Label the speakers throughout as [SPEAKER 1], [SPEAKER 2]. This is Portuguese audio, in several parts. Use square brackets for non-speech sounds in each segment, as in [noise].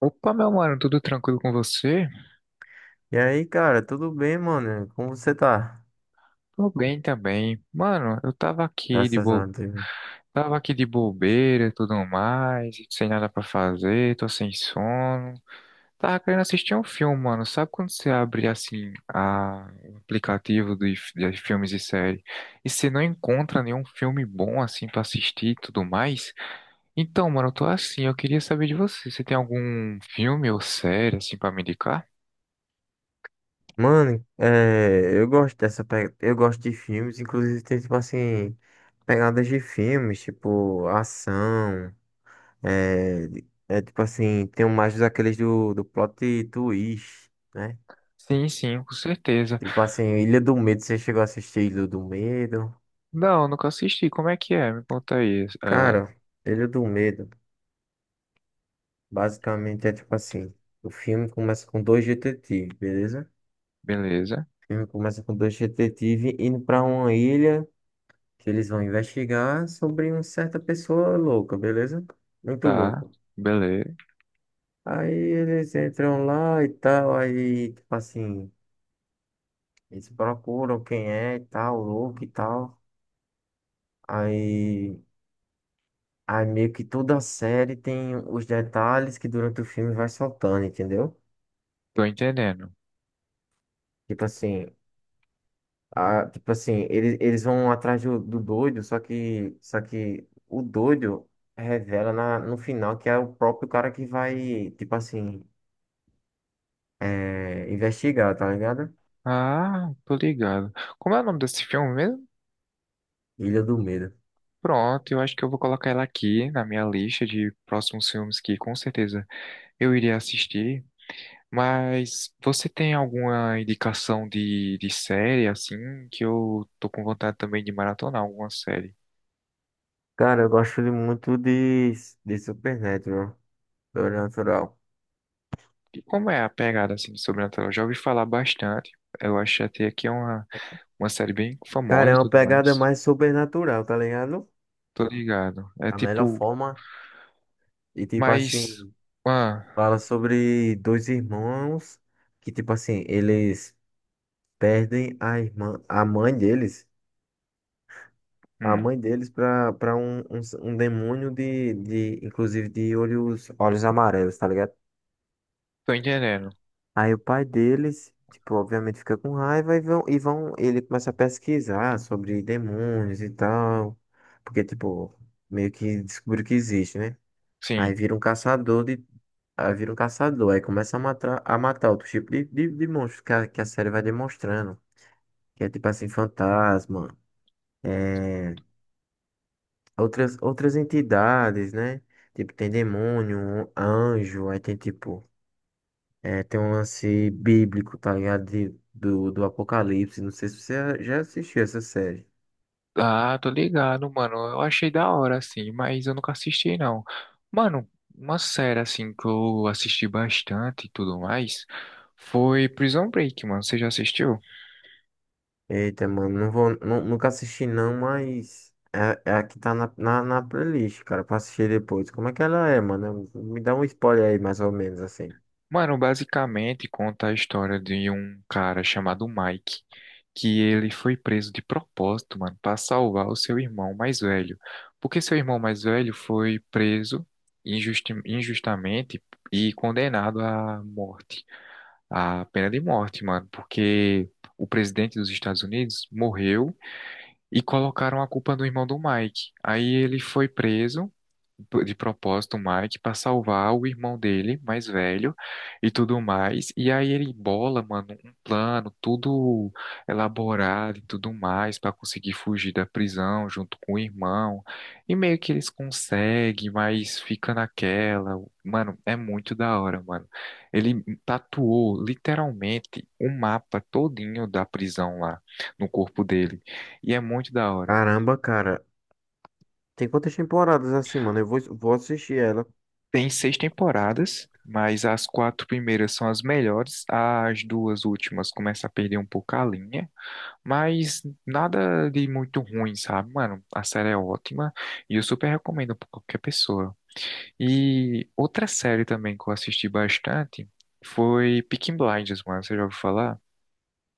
[SPEAKER 1] Opa, meu mano, tudo tranquilo com você?
[SPEAKER 2] E aí, cara, tudo bem, mano? Como você tá?
[SPEAKER 1] Tô bem também. Mano, eu tava aqui de
[SPEAKER 2] Graças a
[SPEAKER 1] bo...
[SPEAKER 2] Deus.
[SPEAKER 1] tava aqui de bobeira e tudo mais, sem nada pra fazer, tô sem sono. Tava querendo assistir um filme, mano. Sabe quando você abre assim a... o aplicativo de filmes e séries e você não encontra nenhum filme bom assim pra assistir e tudo mais? Então, mano, eu tô assim, eu queria saber de você. Você tem algum filme ou série assim pra me indicar?
[SPEAKER 2] Mano, é, eu gosto eu gosto de filmes, inclusive tem tipo assim, pegadas de filmes, tipo ação, é, é tipo assim, tem um mais daqueles do plot twist, né?
[SPEAKER 1] Sim, sim, com certeza.
[SPEAKER 2] Tipo assim, Ilha do Medo, você chegou a assistir Ilha do Medo?
[SPEAKER 1] Não, nunca assisti. Como é que é? Me conta aí. Ah,
[SPEAKER 2] Cara, Ilha do Medo, basicamente é tipo assim, o filme começa com dois detetives, beleza?
[SPEAKER 1] beleza,
[SPEAKER 2] O filme começa com dois detetives indo para uma ilha que eles vão investigar sobre uma certa pessoa louca, beleza? Muito
[SPEAKER 1] tá.
[SPEAKER 2] louca.
[SPEAKER 1] Beleza.
[SPEAKER 2] Aí eles entram lá e tal, aí, tipo assim, eles procuram quem é e tal, louco e tal. Aí, aí meio que toda a série tem os detalhes que durante o filme vai soltando, entendeu?
[SPEAKER 1] Tô entendendo.
[SPEAKER 2] Tipo assim, ah, tipo assim, eles vão atrás do doido, só que o doido revela no final que é o próprio cara que vai, tipo assim, é, investigar, tá ligado?
[SPEAKER 1] Ah, tô ligado. Como é o nome desse filme mesmo?
[SPEAKER 2] Ilha do Medo.
[SPEAKER 1] Pronto, eu acho que eu vou colocar ela aqui na minha lista de próximos filmes que com certeza eu iria assistir. Mas você tem alguma indicação de série, assim, que eu tô com vontade também de maratonar alguma série?
[SPEAKER 2] Cara, eu gosto de muito de Supernatural, Sobrenatural.
[SPEAKER 1] E como é a pegada, assim, de Sobrenatural? Eu já ouvi falar bastante. Eu acho até que é uma série bem
[SPEAKER 2] Cara,
[SPEAKER 1] famosa
[SPEAKER 2] é
[SPEAKER 1] e
[SPEAKER 2] uma
[SPEAKER 1] tudo
[SPEAKER 2] pegada
[SPEAKER 1] mais.
[SPEAKER 2] mais sobrenatural, tá ligado?
[SPEAKER 1] Tô ligado. É
[SPEAKER 2] A melhor
[SPEAKER 1] tipo,
[SPEAKER 2] forma. E tipo
[SPEAKER 1] mas.
[SPEAKER 2] assim,
[SPEAKER 1] Ah,
[SPEAKER 2] fala sobre dois irmãos que, tipo assim, eles perdem a irmã, a mãe deles. A
[SPEAKER 1] hum,
[SPEAKER 2] mãe deles para um, um, um demônio de, inclusive, de olhos, olhos amarelos, tá ligado?
[SPEAKER 1] tô entendendo.
[SPEAKER 2] Aí o pai deles, tipo, obviamente fica com raiva ele começa a pesquisar sobre demônios e tal, porque, tipo, meio que descobriu que existe, né? Aí
[SPEAKER 1] Sim.
[SPEAKER 2] vira um caçador de, aí vira um caçador, aí começa a matar outro tipo de monstros que que a série vai demonstrando, que é tipo assim, fantasma, é outras, outras entidades, né? Tipo, tem demônio, anjo, aí tem tipo, é, tem um lance bíblico, tá ligado? De, do Apocalipse. Não sei se você já assistiu essa série.
[SPEAKER 1] Ah, tô ligado, mano. Eu achei da hora, assim, mas eu nunca assisti, não. Mano, uma série, assim, que eu assisti bastante e tudo mais foi Prison Break, mano. Você já assistiu?
[SPEAKER 2] Eita, mano, nunca assisti não, mas é, é a que tá na playlist, cara, pra assistir depois. Como é que ela é, mano? Me dá um spoiler aí, mais ou menos, assim.
[SPEAKER 1] Mano, basicamente conta a história de um cara chamado Mike, que ele foi preso de propósito, mano, para salvar o seu irmão mais velho. Porque seu irmão mais velho foi preso injustamente e condenado à morte, à pena de morte, mano, porque o presidente dos Estados Unidos morreu e colocaram a culpa no irmão do Mike. Aí ele foi preso de propósito o Mike para salvar o irmão dele, mais velho, e tudo mais. E aí ele bola, mano, um plano tudo elaborado e tudo mais para conseguir fugir da prisão junto com o irmão. E meio que eles conseguem, mas fica naquela. Mano, é muito da hora, mano. Ele tatuou literalmente o mapa todinho da prisão lá no corpo dele. E é muito da hora.
[SPEAKER 2] Caramba, cara, tem quantas temporadas assim, mano? Vou assistir ela.
[SPEAKER 1] Tem seis temporadas, mas as quatro primeiras são as melhores. As duas últimas começam a perder um pouco a linha, mas nada de muito ruim, sabe? Mano, a série é ótima e eu super recomendo pra qualquer pessoa. E outra série também que eu assisti bastante foi Peaky Blinders, mano. Você já ouviu falar?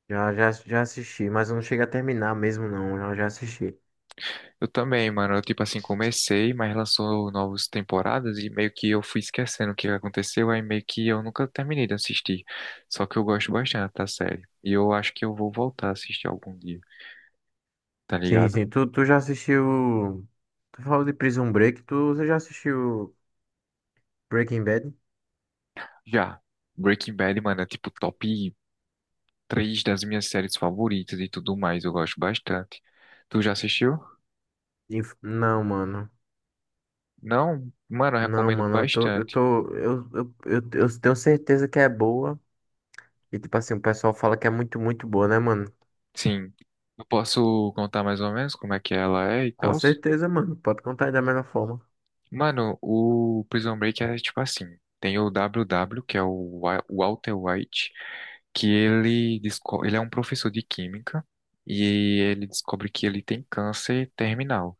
[SPEAKER 2] Já assisti, mas eu não cheguei a terminar mesmo, não. Eu já assisti.
[SPEAKER 1] Eu também, mano. Eu, tipo assim, comecei, mas lançou novas temporadas e meio que eu fui esquecendo o que aconteceu, aí meio que eu nunca terminei de assistir. Só que eu gosto bastante da série. E eu acho que eu vou voltar a assistir algum dia, tá
[SPEAKER 2] Sim,
[SPEAKER 1] ligado?
[SPEAKER 2] sim. Tu já assistiu. Tu falou de Prison Break. Tu, você já assistiu Breaking Bad?
[SPEAKER 1] Já. Breaking Bad, mano, é tipo top 3 das minhas séries favoritas e tudo mais. Eu gosto bastante. Tu já assistiu?
[SPEAKER 2] Não, mano.
[SPEAKER 1] Não? Mano, eu
[SPEAKER 2] Não,
[SPEAKER 1] recomendo
[SPEAKER 2] mano. Eu tô. Eu
[SPEAKER 1] bastante.
[SPEAKER 2] tô. Eu tenho certeza que é boa. E tipo assim, o pessoal fala que é muito, muito boa, né, mano?
[SPEAKER 1] Sim. Eu posso contar mais ou menos como é que ela é e
[SPEAKER 2] Com
[SPEAKER 1] tal?
[SPEAKER 2] certeza, mano. Pode contar aí da melhor forma.
[SPEAKER 1] Mano, o Prison Break é tipo assim, tem o WW, que é o Walter White, que ele, ele é um professor de química e ele descobre que ele tem câncer terminal.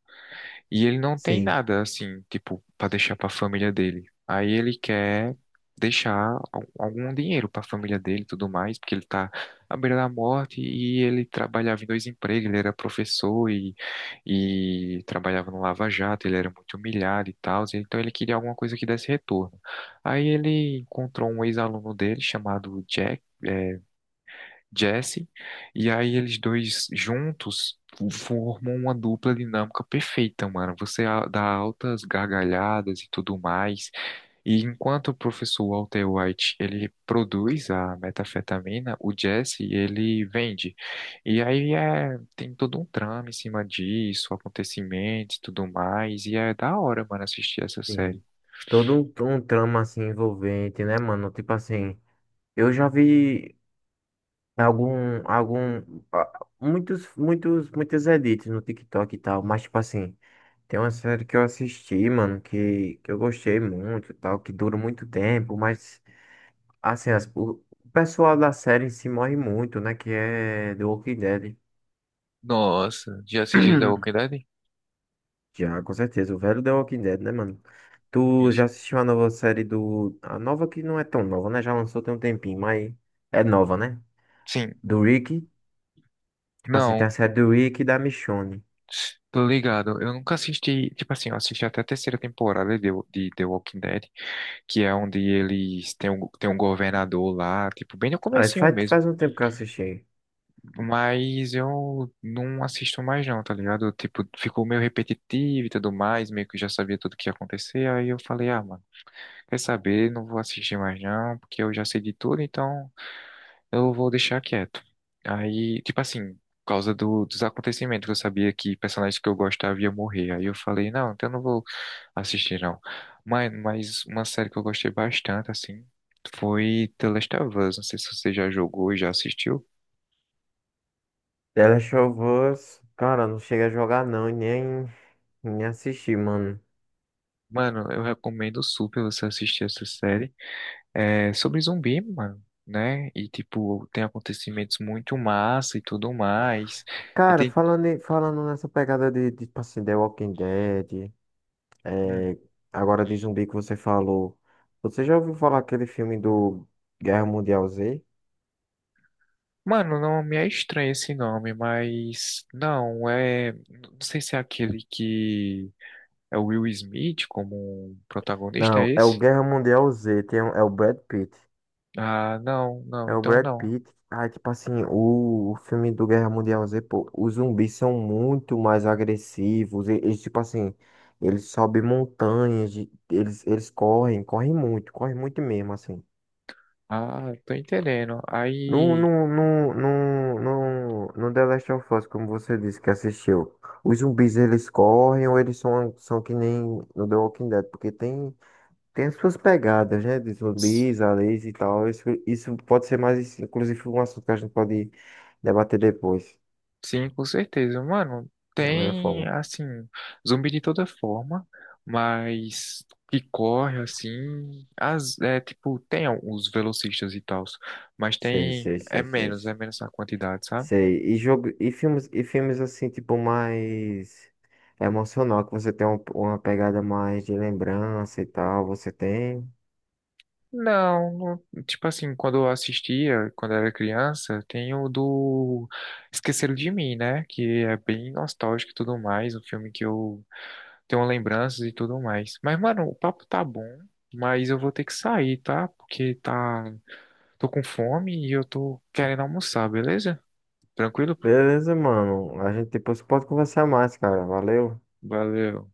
[SPEAKER 1] E ele não tem
[SPEAKER 2] Sim,
[SPEAKER 1] nada assim, tipo, pra deixar pra família dele. Aí ele quer deixar algum dinheiro pra família dele e tudo mais, porque ele tá à beira da morte e ele trabalhava em dois empregos, ele era professor e trabalhava no Lava Jato, ele era muito humilhado e tal, então ele queria alguma coisa que desse retorno. Aí ele encontrou um ex-aluno dele chamado Jack, é, Jesse, e aí eles dois juntos formam uma dupla dinâmica perfeita, mano. Você dá altas gargalhadas e tudo mais. E enquanto o professor Walter White, ele produz a metafetamina, o Jesse, ele vende. E aí é, tem todo um trama em cima disso, acontecimentos e tudo mais, e é da hora, mano, assistir essa
[SPEAKER 2] sim.
[SPEAKER 1] série.
[SPEAKER 2] Todo um, um trama assim envolvente, né, mano? Tipo assim. Eu já vi. Algum, algum, ah, muitos, muitos, muitos edits no TikTok e tal, mas tipo assim, tem uma série que eu assisti, mano, que eu gostei muito e tal, que dura muito tempo, mas assim, o pessoal da série em si morre muito, né, que é The Walking Dead.
[SPEAKER 1] Nossa, já assististe The Walking
[SPEAKER 2] [clears throat]
[SPEAKER 1] Dead?
[SPEAKER 2] Já, com certeza, o velho The Walking Dead, né, mano? Tu
[SPEAKER 1] Isso.
[SPEAKER 2] já assistiu a nova série do... A nova que não é tão nova, né? Já lançou tem um tempinho, mas é nova, né?
[SPEAKER 1] Sim,
[SPEAKER 2] Do Rick, tipo assim, tem a
[SPEAKER 1] não,
[SPEAKER 2] série do Rick e da Michonne.
[SPEAKER 1] tô ligado. Eu nunca assisti, tipo assim, eu assisti até a terceira temporada de The Walking Dead, que é onde eles têm um, tem um governador lá, tipo, bem no
[SPEAKER 2] Ah, isso
[SPEAKER 1] comecinho mesmo.
[SPEAKER 2] faz um tempo que eu assisti.
[SPEAKER 1] Mas eu não assisto mais não, tá ligado? Tipo, ficou meio repetitivo e tudo mais, meio que eu já sabia tudo que ia acontecer, aí eu falei, ah, mano, quer saber, não vou assistir mais não, porque eu já sei de tudo, então eu vou deixar quieto. Aí, tipo assim, por causa dos acontecimentos, eu sabia que personagens que eu gostava ia morrer. Aí eu falei, não, então eu não vou assistir, não. Mas uma série que eu gostei bastante, assim, foi The Last of Us. Não sei se você já jogou e já assistiu.
[SPEAKER 2] The Last of Us, cara, não chega a jogar não e nem assistir, mano.
[SPEAKER 1] Mano, eu recomendo super você assistir essa série. É sobre zumbi, mano, né? E, tipo, tem acontecimentos muito massa e tudo mais. E
[SPEAKER 2] Cara,
[SPEAKER 1] tem.
[SPEAKER 2] falando nessa pegada tipo assim, The Walking Dead,
[SPEAKER 1] Hum,
[SPEAKER 2] é, agora de zumbi que você falou, você já ouviu falar aquele filme do Guerra Mundial Z?
[SPEAKER 1] mano, não me é estranho esse nome, mas não é. Não sei se é aquele que é o Will Smith como protagonista,
[SPEAKER 2] Não,
[SPEAKER 1] é
[SPEAKER 2] é o
[SPEAKER 1] esse?
[SPEAKER 2] Guerra Mundial Z, tem, é o Brad Pitt.
[SPEAKER 1] Ah, não, não,
[SPEAKER 2] É o
[SPEAKER 1] então
[SPEAKER 2] Brad
[SPEAKER 1] não.
[SPEAKER 2] Pitt. Ah, tipo assim, o filme do Guerra Mundial Z, pô, os zumbis são muito mais agressivos. Eles, tipo assim, eles sobem montanhas, de- eles correm, correm muito mesmo, assim.
[SPEAKER 1] Ah, tô entendendo.
[SPEAKER 2] No,
[SPEAKER 1] Aí,
[SPEAKER 2] no, no, no, no, no The Last of Us, como você disse que assistiu, os zumbis eles correm ou eles são, são que nem no The Walking Dead? Porque tem. Tem as suas pegadas, né? De
[SPEAKER 1] s-
[SPEAKER 2] zumbis, aliens e tal. Isso pode ser mais, isso, inclusive, um assunto que a gente pode debater depois,
[SPEAKER 1] sim, com certeza. Mano,
[SPEAKER 2] da melhor
[SPEAKER 1] tem,
[SPEAKER 2] forma.
[SPEAKER 1] assim, zumbi de toda forma, mas que corre, assim, as, é, tipo, tem os velocistas e tals, mas
[SPEAKER 2] Sei,
[SPEAKER 1] tem,
[SPEAKER 2] sei, sei, sei.
[SPEAKER 1] é
[SPEAKER 2] Sei.
[SPEAKER 1] menos a quantidade, sabe?
[SPEAKER 2] Sei. E jogo, e filmes assim, tipo, mais emocional, que você tem uma pegada mais de lembrança e tal, você tem.
[SPEAKER 1] Não, não- tipo assim, quando eu assistia, quando eu era criança, tem o do Esqueceram de Mim, né? Que é bem nostálgico e tudo mais, um filme que eu tenho lembranças e tudo mais. Mas, mano, o papo tá bom, mas eu vou ter que sair, tá? Porque tá, tô com fome e eu tô querendo almoçar, beleza? Tranquilo?
[SPEAKER 2] Beleza, mano. A gente depois pode conversar mais, cara. Valeu.
[SPEAKER 1] Valeu.